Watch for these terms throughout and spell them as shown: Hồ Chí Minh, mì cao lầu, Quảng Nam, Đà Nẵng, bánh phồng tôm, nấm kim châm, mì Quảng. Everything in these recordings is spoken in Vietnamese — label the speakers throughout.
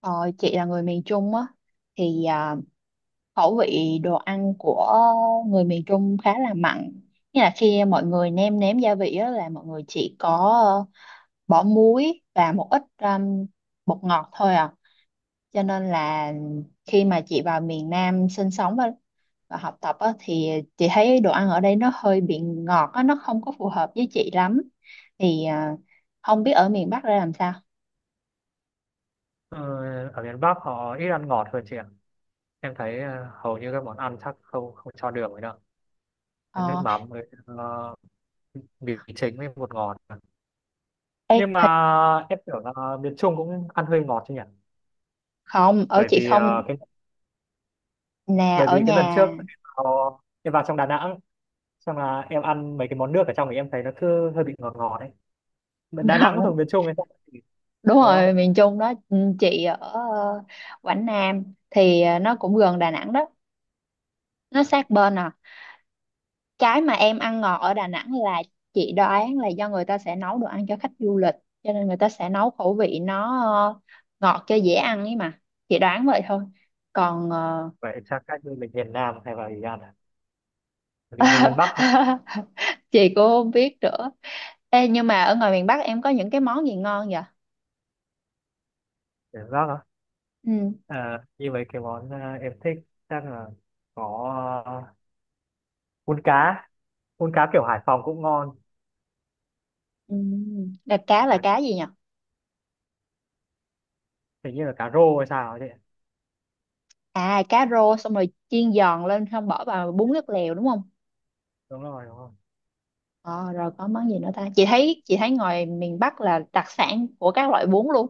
Speaker 1: Ờ, chị là người miền Trung á thì khẩu vị đồ ăn của người miền Trung khá là mặn. Nghĩa là khi mọi người nêm nếm gia vị á, là mọi người chỉ có ờ, bỏ muối và một ít bột ngọt thôi à. Cho nên là khi mà chị vào miền Nam sinh sống và học tập á, thì chị thấy đồ ăn ở đây nó hơi bị ngọt á, nó không có phù hợp với chị lắm. Thì không biết ở miền Bắc ra làm sao.
Speaker 2: Ờ, Ở miền Bắc họ ít ăn ngọt hơn chị ạ. Em thấy hầu như các món ăn chắc không không cho đường ấy đâu. Nước
Speaker 1: Ờ,
Speaker 2: mắm với mì chính với bột ngọt.
Speaker 1: Ê,
Speaker 2: Nhưng mà em tưởng là miền Trung cũng ăn hơi ngọt chứ nhỉ?
Speaker 1: không, ở
Speaker 2: Bởi
Speaker 1: chị
Speaker 2: vì
Speaker 1: không
Speaker 2: ờ, cái
Speaker 1: nè,
Speaker 2: Bởi
Speaker 1: ở
Speaker 2: vì cái lần trước
Speaker 1: nhà.
Speaker 2: em vào trong Đà Nẵng, xong là em ăn mấy cái món nước ở trong thì em thấy nó cứ hơi bị ngọt ngọt đấy. Mà Đà Nẵng cũng
Speaker 1: Gần
Speaker 2: thuộc miền Trung hay sao, thì-
Speaker 1: đúng
Speaker 2: đúng không?
Speaker 1: rồi, miền Trung đó. Ừ, chị ở Quảng Nam, thì nó cũng gần Đà Nẵng đó, nó sát bên à. Cái mà em ăn ngọt ở Đà Nẵng là chị đoán là do người ta sẽ nấu đồ ăn cho khách du lịch, cho nên người ta sẽ nấu khẩu vị nó ờ, ngọt cho dễ ăn ấy mà. Chị đoán vậy thôi. Còn
Speaker 2: Vậy chắc cách như mình miền Nam hay vào gì ăn à? Vì người miền Bắc không?
Speaker 1: chị cũng không biết nữa. Ê, nhưng mà ở ngoài miền Bắc em có những cái món gì ngon vậy?
Speaker 2: Miền Bắc à?
Speaker 1: Ừ.
Speaker 2: À, như vậy cái món em thích chắc là có, à, cuốn cá cuốn cá kiểu Hải Phòng cũng ngon.
Speaker 1: Ừ. là cá là
Speaker 2: Cá
Speaker 1: cá gì nhỉ?
Speaker 2: hình như là cá rô hay sao ấy chị.
Speaker 1: À, cá rô xong rồi chiên giòn lên, không bỏ vào bún nước lèo đúng không?
Speaker 2: Đúng rồi, đúng rồi.
Speaker 1: Ờ Rồi có món gì nữa ta? Chị thấy ngoài miền Bắc là đặc sản của các loại bún luôn.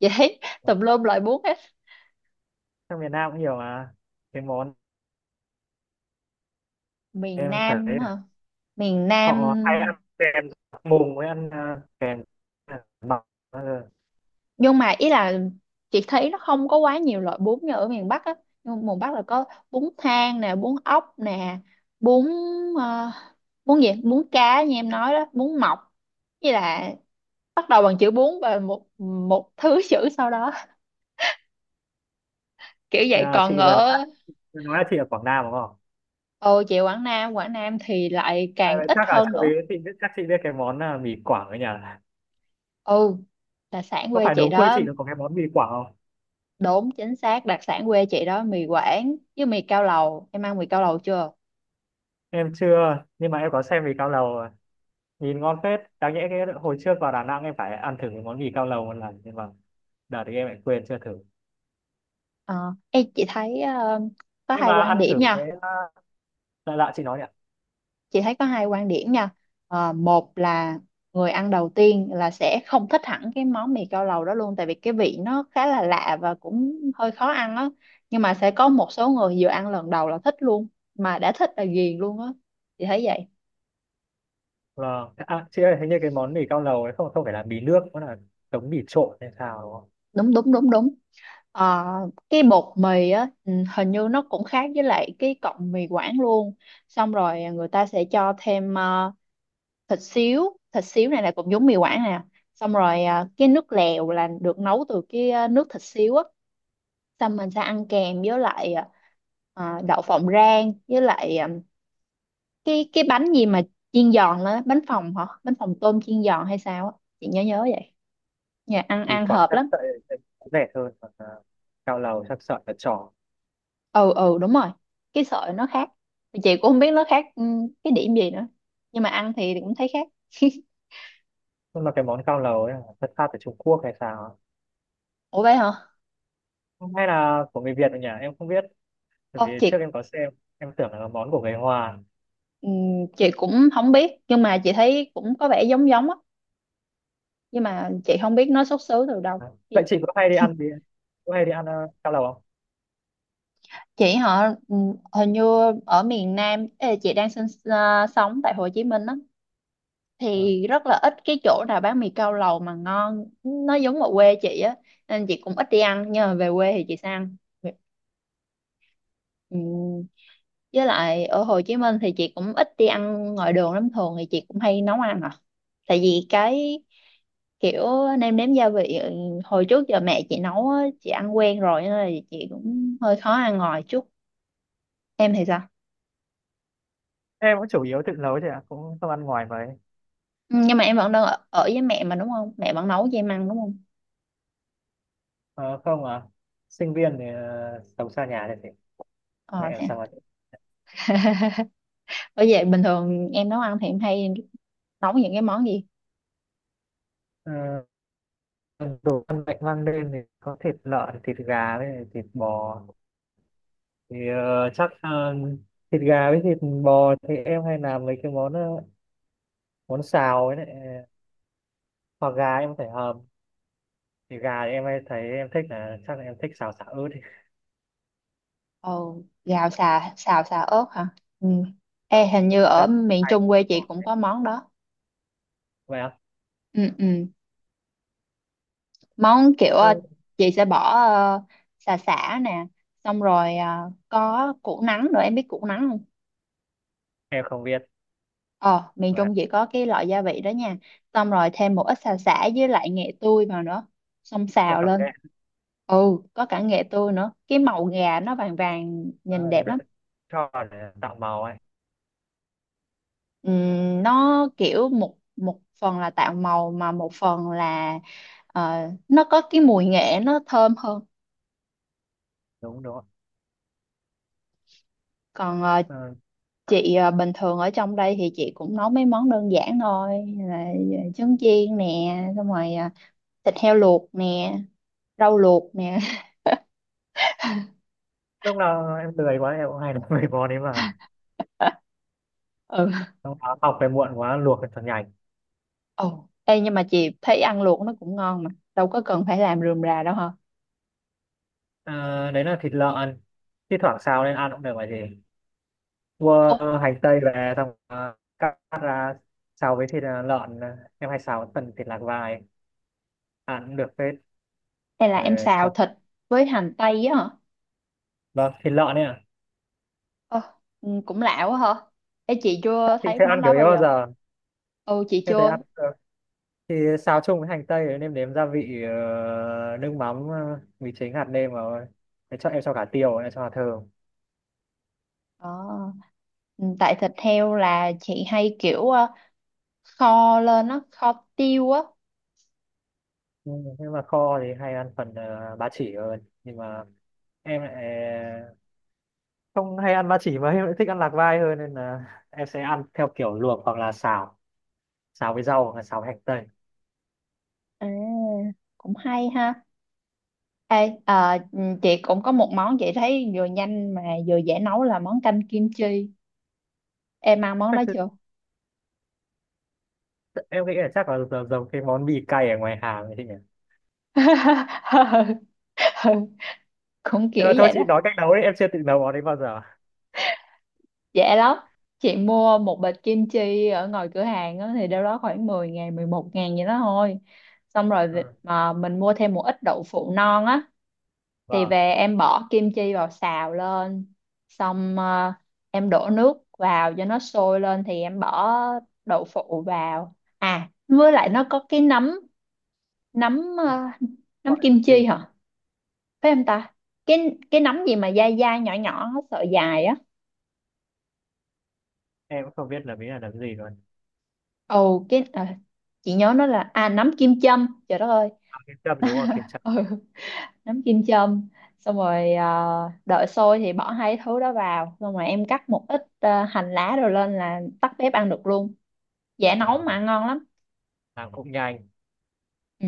Speaker 1: Chị thấy
Speaker 2: Đúng.
Speaker 1: tùm lum loại bún hết.
Speaker 2: Sang miền Nam cũng nhiều mà, cái món
Speaker 1: Miền
Speaker 2: em thấy
Speaker 1: Nam
Speaker 2: là
Speaker 1: hả? Miền Nam.
Speaker 2: họ hay ăn kèm mùng với ăn, kèm mọc.
Speaker 1: Nhưng mà ý là chị thấy nó không có quá nhiều loại bún như ở miền Bắc á. Nhưng mà miền Bắc là có bún thang nè, bún ốc nè, bún ờ, bún gì, bún cá như em nói đó, bún mọc, với là bắt đầu bằng chữ bún và một một thứ chữ sau đó, kiểu vậy.
Speaker 2: À,
Speaker 1: Còn
Speaker 2: chị vừa
Speaker 1: ở...
Speaker 2: nói là chị ở Quảng Nam đúng không?
Speaker 1: Ồ, chị Quảng Nam, Quảng Nam thì lại
Speaker 2: À,
Speaker 1: càng
Speaker 2: vậy
Speaker 1: ít
Speaker 2: chắc là
Speaker 1: hơn nữa.
Speaker 2: chắc chị biết cái món, mì Quảng ở nhà,
Speaker 1: Ừ, đặc sản
Speaker 2: có
Speaker 1: quê
Speaker 2: phải
Speaker 1: chị
Speaker 2: đúng quê
Speaker 1: đó.
Speaker 2: chị nó có cái món mì Quảng không?
Speaker 1: Đúng, chính xác, đặc sản quê chị đó mì Quảng với mì cao lầu. Em ăn mì cao lầu chưa?
Speaker 2: Em chưa, nhưng mà em có xem mì cao lầu rồi. Nhìn ngon phết, đáng nhẽ cái hồi trước vào Đà Nẵng em phải ăn thử cái món mì cao lầu một lần nhưng mà đợt thì em lại quên chưa thử.
Speaker 1: Ờ Ê, chị thấy có
Speaker 2: Nhưng
Speaker 1: hai
Speaker 2: mà
Speaker 1: quan
Speaker 2: ăn
Speaker 1: điểm
Speaker 2: thử
Speaker 1: nha.
Speaker 2: cái lạ lạ chị nói nhỉ.
Speaker 1: Chị thấy có hai quan điểm nha. Một là người ăn đầu tiên là sẽ không thích hẳn cái món mì cao lầu đó luôn, tại vì cái vị nó khá là lạ và cũng hơi khó ăn á. Nhưng mà sẽ có một số người vừa ăn lần đầu là thích luôn, mà đã thích là ghiền luôn á. Chị thấy vậy.
Speaker 2: Vâng à, chị ơi hình như cái món mì cao lầu ấy không không phải là mì nước, nó là giống mì trộn hay sao đúng không?
Speaker 1: Đúng, đúng, đúng, đúng. Ờ, cái bột mì á hình như nó cũng khác với lại cái cọng mì Quảng luôn. Xong rồi người ta sẽ cho thêm thịt xíu, thịt xíu này là cũng giống mì Quảng nè. Xong rồi cái nước lèo là được nấu từ cái nước thịt xíu á. Xong mình sẽ ăn kèm với lại đậu phộng rang, với lại cái bánh gì mà chiên giòn lên á, bánh phồng hả, bánh phồng tôm chiên giòn hay sao á. Chị nhớ nhớ vậy. Nhà ăn
Speaker 2: Mì
Speaker 1: ăn
Speaker 2: Quảng
Speaker 1: hợp
Speaker 2: chắc
Speaker 1: lắm.
Speaker 2: sợi sẽ rẻ hơn, còn cao lầu chắc sợi là tròn.
Speaker 1: Ừ, ừ, đúng rồi, cái sợi nó khác. Thì chị cũng không biết nó khác cái điểm gì nữa, nhưng mà ăn thì cũng thấy khác.
Speaker 2: Nhưng mà cái món cao lầu ấy là xuất phát từ Trung Quốc hay sao á?
Speaker 1: Ủa, vậy hả?
Speaker 2: Hay là của người Việt rồi nhỉ, em không biết. Bởi
Speaker 1: Ồ,
Speaker 2: vì trước em có xem, em tưởng là món của người Hoa.
Speaker 1: ừ, chị cũng không biết, nhưng mà chị thấy cũng có vẻ giống giống á. Nhưng mà chị không biết nó xuất xứ từ đâu.
Speaker 2: Đấy. Vậy
Speaker 1: chị
Speaker 2: chị có hay đi ăn mì, có hay đi ăn cao lầu không?
Speaker 1: chị họ ừ, hình như ở miền Nam ê, chị đang sinh sống tại Hồ Chí Minh á,
Speaker 2: Vâng.
Speaker 1: thì rất là ít cái chỗ nào bán mì cao lầu mà ngon nó giống ở quê chị á, nên chị cũng ít đi ăn, nhưng mà về quê thì chị sẽ ăn. Ừ. Với lại ở Hồ Chí Minh thì chị cũng ít đi ăn ngoài đường lắm, thường thì chị cũng hay nấu ăn à. Tại vì cái kiểu nêm nếm gia vị hồi trước giờ mẹ chị nấu á, chị ăn quen rồi nên là chị cũng hơi khó ăn ngoài chút. Em thì sao?
Speaker 2: Em cũng chủ yếu tự nấu thôi ạ, cũng không ăn ngoài mấy.
Speaker 1: Ừ, nhưng mà em vẫn đang ở với mẹ mà đúng không? Mẹ vẫn nấu cho em ăn đúng không?
Speaker 2: Ờ, không à, sinh viên thì sống xa nhà thì phải,
Speaker 1: Ờ
Speaker 2: mẹ làm
Speaker 1: Thế
Speaker 2: sao mà.
Speaker 1: à? Bởi vậy bình thường em nấu ăn thì em hay nấu những cái món gì?
Speaker 2: Ờ, Đồ ăn mạnh mang lên thì có thịt lợn, thịt gà với thịt bò, thì thịt gà với thịt bò thì em hay làm mấy cái món, món xào ấy đấy. Hoặc gà em phải hầm, thì gà thì em hay thấy em thích là chắc là em thích xào sả ớt, thì
Speaker 1: Ồ, xào xà ớt hả? Ừ. Ê, hình như ở
Speaker 2: cắt
Speaker 1: miền
Speaker 2: hành
Speaker 1: Trung quê chị
Speaker 2: bỏ
Speaker 1: cũng
Speaker 2: thế.
Speaker 1: có món đó.
Speaker 2: Vậy ạ?
Speaker 1: Ừ, ừ, món kiểu
Speaker 2: Ừ,
Speaker 1: chị sẽ bỏ sả, sả nè, xong rồi có củ nắng nữa, em biết củ nắng không?
Speaker 2: em không biết,
Speaker 1: Ờ Miền
Speaker 2: và
Speaker 1: Trung chỉ có cái loại gia vị đó nha, xong rồi thêm một ít xả với lại nghệ tươi vào nữa, xong
Speaker 2: có
Speaker 1: xào
Speaker 2: cảm
Speaker 1: lên.
Speaker 2: giác.
Speaker 1: Ừ, có cả nghệ tươi nữa, cái màu gà nó vàng vàng
Speaker 2: Ờ,
Speaker 1: nhìn đẹp lắm.
Speaker 2: cho vào để tạo màu ấy.
Speaker 1: Nó kiểu một một phần là tạo màu mà một phần là ờ, nó có cái mùi nghệ nó thơm hơn.
Speaker 2: Đúng đúng.
Speaker 1: Còn
Speaker 2: Ờ,
Speaker 1: chị bình thường ở trong đây thì chị cũng nấu mấy món đơn giản thôi là trứng chiên nè, xong rồi thịt heo luộc nè, rau luộc nè.
Speaker 2: lúc nào em lười quá em cũng hay làm mấy món đấy mà.
Speaker 1: Ừ.
Speaker 2: Xong đó học về muộn quá luộc thật nhanh.
Speaker 1: Ê, nhưng mà chị thấy ăn luộc nó cũng ngon mà, đâu có cần phải làm rườm rà đâu hả.
Speaker 2: Ờ, đấy là thịt lợn, thi thoảng xào lên ăn cũng được, vậy gì, mua
Speaker 1: Ủa,
Speaker 2: hành tây về xong cắt cắt ra, xào với thịt, lợn, em hay xào với phần thịt lạc vai ăn cũng được phết.
Speaker 1: hay là
Speaker 2: Ờ,
Speaker 1: em xào
Speaker 2: thật.
Speaker 1: thịt với hành tây á hả?
Speaker 2: Vâng thịt lợn ấy ạ.
Speaker 1: ờ ừ, cũng lạ quá hả. Ê, chị chưa
Speaker 2: Chị
Speaker 1: thấy
Speaker 2: sẽ ăn
Speaker 1: món
Speaker 2: kiểu
Speaker 1: đó
Speaker 2: ấy
Speaker 1: bao
Speaker 2: bao
Speaker 1: giờ.
Speaker 2: giờ.
Speaker 1: Ừ, chị
Speaker 2: Em thấy
Speaker 1: chưa.
Speaker 2: ăn ờ, thì xào chung với hành tây, nêm nếm gia vị, nước mắm, mì chính, hạt nêm vào. Thế cho em cho cả tiêu, em cho hạt thường.
Speaker 1: ờ Ừ, tại thịt heo là chị hay kiểu kho lên á, kho tiêu á.
Speaker 2: Ừ, nhưng mà kho thì hay ăn phần ba chỉ hơn, nhưng mà em lại ờ, không hay ăn ba chỉ mà em lại thích ăn lạc vai hơn, nên là em sẽ ăn theo kiểu luộc hoặc là xào, xào với rau hoặc là xào với hành tây.
Speaker 1: À, cũng hay ha. Ê, chị cũng có một món chị thấy vừa nhanh mà vừa dễ nấu là món canh kim chi. Em ăn món đó chưa?
Speaker 2: Em nghĩ là chắc là giống giống cái món mì cay ở ngoài hàng ấy chị nhỉ.
Speaker 1: Ừ, cũng
Speaker 2: Nhưng
Speaker 1: kiểu
Speaker 2: mà thôi
Speaker 1: vậy
Speaker 2: chị
Speaker 1: đó.
Speaker 2: nói cách nấu đấy, em chưa tự nấu món đấy bao giờ.
Speaker 1: Dễ lắm. Chị mua một bịch kim chi ở ngoài cửa hàng á, thì đâu đó khoảng 10.000, 11.000 vậy đó thôi. Xong rồi
Speaker 2: Ờ,
Speaker 1: mà mình mua thêm một ít đậu phụ non á, thì
Speaker 2: vâng.
Speaker 1: về em bỏ kim chi vào xào lên, xong em đổ nước vào cho nó sôi lên thì em bỏ đậu phụ vào với lại nó có cái nấm, nấm
Speaker 2: Ờ,
Speaker 1: ờ, nấm
Speaker 2: gọi là
Speaker 1: kim
Speaker 2: gì?
Speaker 1: chi hả? Phải, em ta, cái nấm gì mà dai dai nhỏ nhỏ sợi dài á.
Speaker 2: Em cũng không biết là mỹ là làm gì luôn.
Speaker 1: Cái chị nhớ nó là nấm kim châm, trời đất ơi.
Speaker 2: Kiếm Trâm đúng không, Kiếm Trâm.
Speaker 1: Ừ. Nấm kim châm, xong rồi đợi sôi thì bỏ hai thứ đó vào, xong rồi em cắt một ít hành lá rồi lên là tắt bếp ăn được luôn, dễ nấu
Speaker 2: Ờ,
Speaker 1: mà ngon lắm.
Speaker 2: làm cũng nhanh.
Speaker 1: Ừ.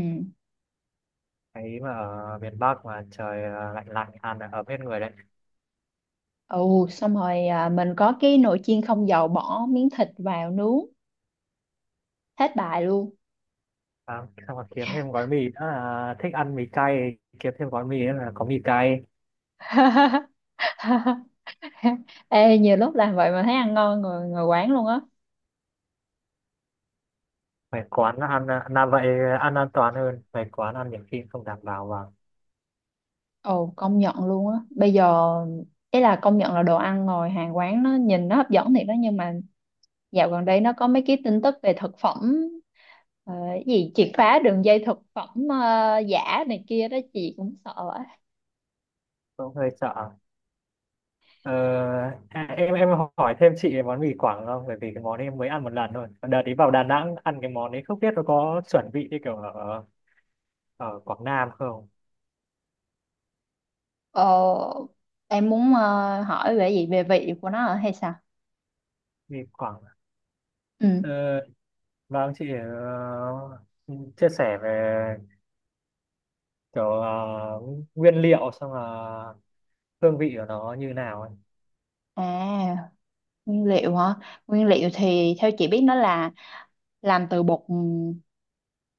Speaker 2: Thấy mà ở miền Bắc mà trời à, lạnh lạnh ăn là ấm hết người đấy.
Speaker 1: Xong rồi mình có cái nồi chiên không dầu, bỏ miếng thịt vào nướng, hết bài luôn.
Speaker 2: À, xong rồi kiếm thêm gói mì nữa là thích ăn mì cay, kiếm thêm gói mì nữa là có mì cay.
Speaker 1: Ê, nhiều lúc làm vậy mà thấy ăn ngon người người quán luôn á.
Speaker 2: Về quán ăn là vậy, ăn an toàn hơn, về quán ăn nhiều khi không đảm bảo và
Speaker 1: Công nhận luôn á bây giờ, ý là công nhận là đồ ăn ngồi hàng quán nó nhìn nó hấp dẫn thiệt đó, nhưng mà dạo gần đây nó có mấy cái tin tức về thực phẩm cái gì triệt phá đường dây thực phẩm giả này kia đó, chị cũng sợ quá.
Speaker 2: cũng hơi sợ. Ờ, à, em hỏi thêm chị về món mì Quảng không? Bởi vì cái món ấy em mới ăn một lần thôi. Đợt đi vào Đà Nẵng ăn cái món ấy không biết nó có chuẩn vị như kiểu ở ở Quảng Nam không?
Speaker 1: Ờ, em muốn hỏi về gì về vị của nó hả hay sao?
Speaker 2: Mì Quảng.
Speaker 1: Ừ.
Speaker 2: Ờ, vâng, chị chia sẻ về kiểu nguyên liệu, xong là hương vị của nó như nào ấy.
Speaker 1: À, nguyên liệu hả? Nguyên liệu thì theo chị biết nó là làm từ bột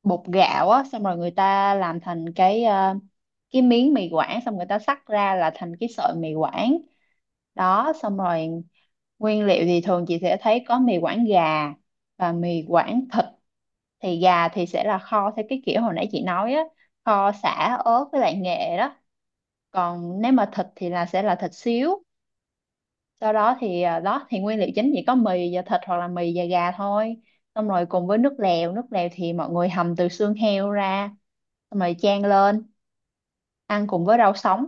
Speaker 1: bột gạo á, xong rồi người ta làm thành cái miếng mì Quảng, xong người ta xắt ra là thành cái sợi mì Quảng. Đó, xong rồi nguyên liệu thì thường chị sẽ thấy có mì Quảng gà và mì Quảng thịt. Thì gà thì sẽ là kho theo cái kiểu hồi nãy chị nói á, kho sả, ớt với lại nghệ đó. Còn nếu mà thịt thì là sẽ là thịt xíu, sau đó thì đó thì nguyên liệu chính chỉ có mì và thịt hoặc là mì và gà thôi, xong rồi cùng với nước lèo. Nước lèo thì mọi người hầm từ xương heo ra, xong rồi chan lên ăn cùng với rau sống,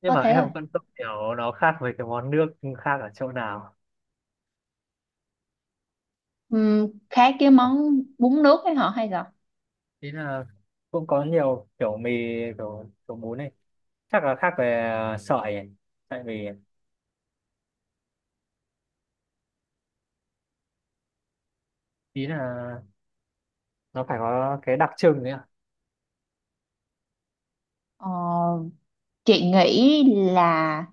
Speaker 2: Nhưng
Speaker 1: có
Speaker 2: mà
Speaker 1: thế thôi.
Speaker 2: em vẫn không hiểu nó khác với cái món nước khác ở chỗ nào.
Speaker 1: Khác cái món bún nước ấy hả, hay là...
Speaker 2: Ý là cũng có nhiều kiểu mì, kiểu bún này. Chắc là khác về sợi ấy. Tại vì ý là nó phải có cái đặc trưng đấy ạ.
Speaker 1: ờ Chị nghĩ là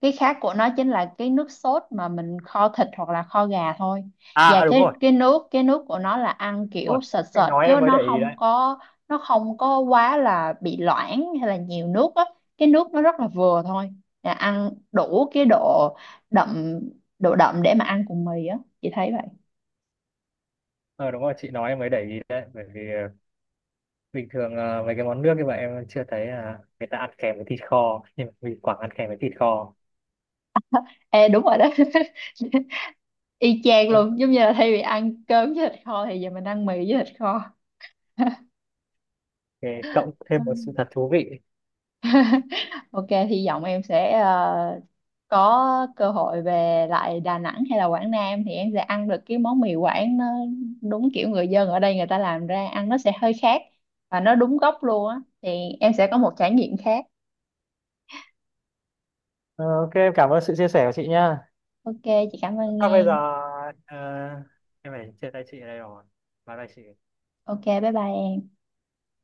Speaker 1: cái khác của nó chính là cái nước sốt mà mình kho thịt hoặc là kho gà thôi.
Speaker 2: À,
Speaker 1: Và
Speaker 2: à,
Speaker 1: cái cái nước cái nước của nó là ăn
Speaker 2: đúng
Speaker 1: kiểu
Speaker 2: rồi.
Speaker 1: sệt
Speaker 2: Chị
Speaker 1: sệt,
Speaker 2: nói
Speaker 1: chứ
Speaker 2: em mới để
Speaker 1: nó
Speaker 2: ý
Speaker 1: không
Speaker 2: đấy.
Speaker 1: có nó không có quá là bị loãng hay là nhiều nước á. Cái nước nó rất là vừa thôi. Là ăn đủ cái độ đậm, để mà ăn cùng mì á. Chị thấy vậy.
Speaker 2: Ờ, đúng rồi, chị nói em mới để ý đấy. Bởi vì bình thường à, mấy cái món nước như vậy em chưa thấy à, người ta ăn kèm với thịt kho, nhưng mà mình Quảng ăn kèm với thịt kho.
Speaker 1: Ê, đúng rồi đó. Y chang luôn, giống
Speaker 2: OK,
Speaker 1: như là thay vì ăn cơm với thịt kho thì giờ mình ăn mì với thịt kho.
Speaker 2: cộng thêm một sự thật thú vị.
Speaker 1: Ok, hy vọng em sẽ có cơ hội về lại Đà Nẵng hay là Quảng Nam thì em sẽ ăn được cái món mì Quảng nó đúng kiểu người dân ở đây người ta làm ra, ăn nó sẽ hơi khác và nó đúng gốc luôn á, thì em sẽ có một trải nghiệm khác.
Speaker 2: Ờ, OK em cảm ơn sự chia sẻ của chị nha.
Speaker 1: Ok, chị cảm ơn
Speaker 2: À, bây giờ
Speaker 1: em.
Speaker 2: à, em phải chia tay chị ở đây rồi, bye bye chị.
Speaker 1: Ok, bye bye em.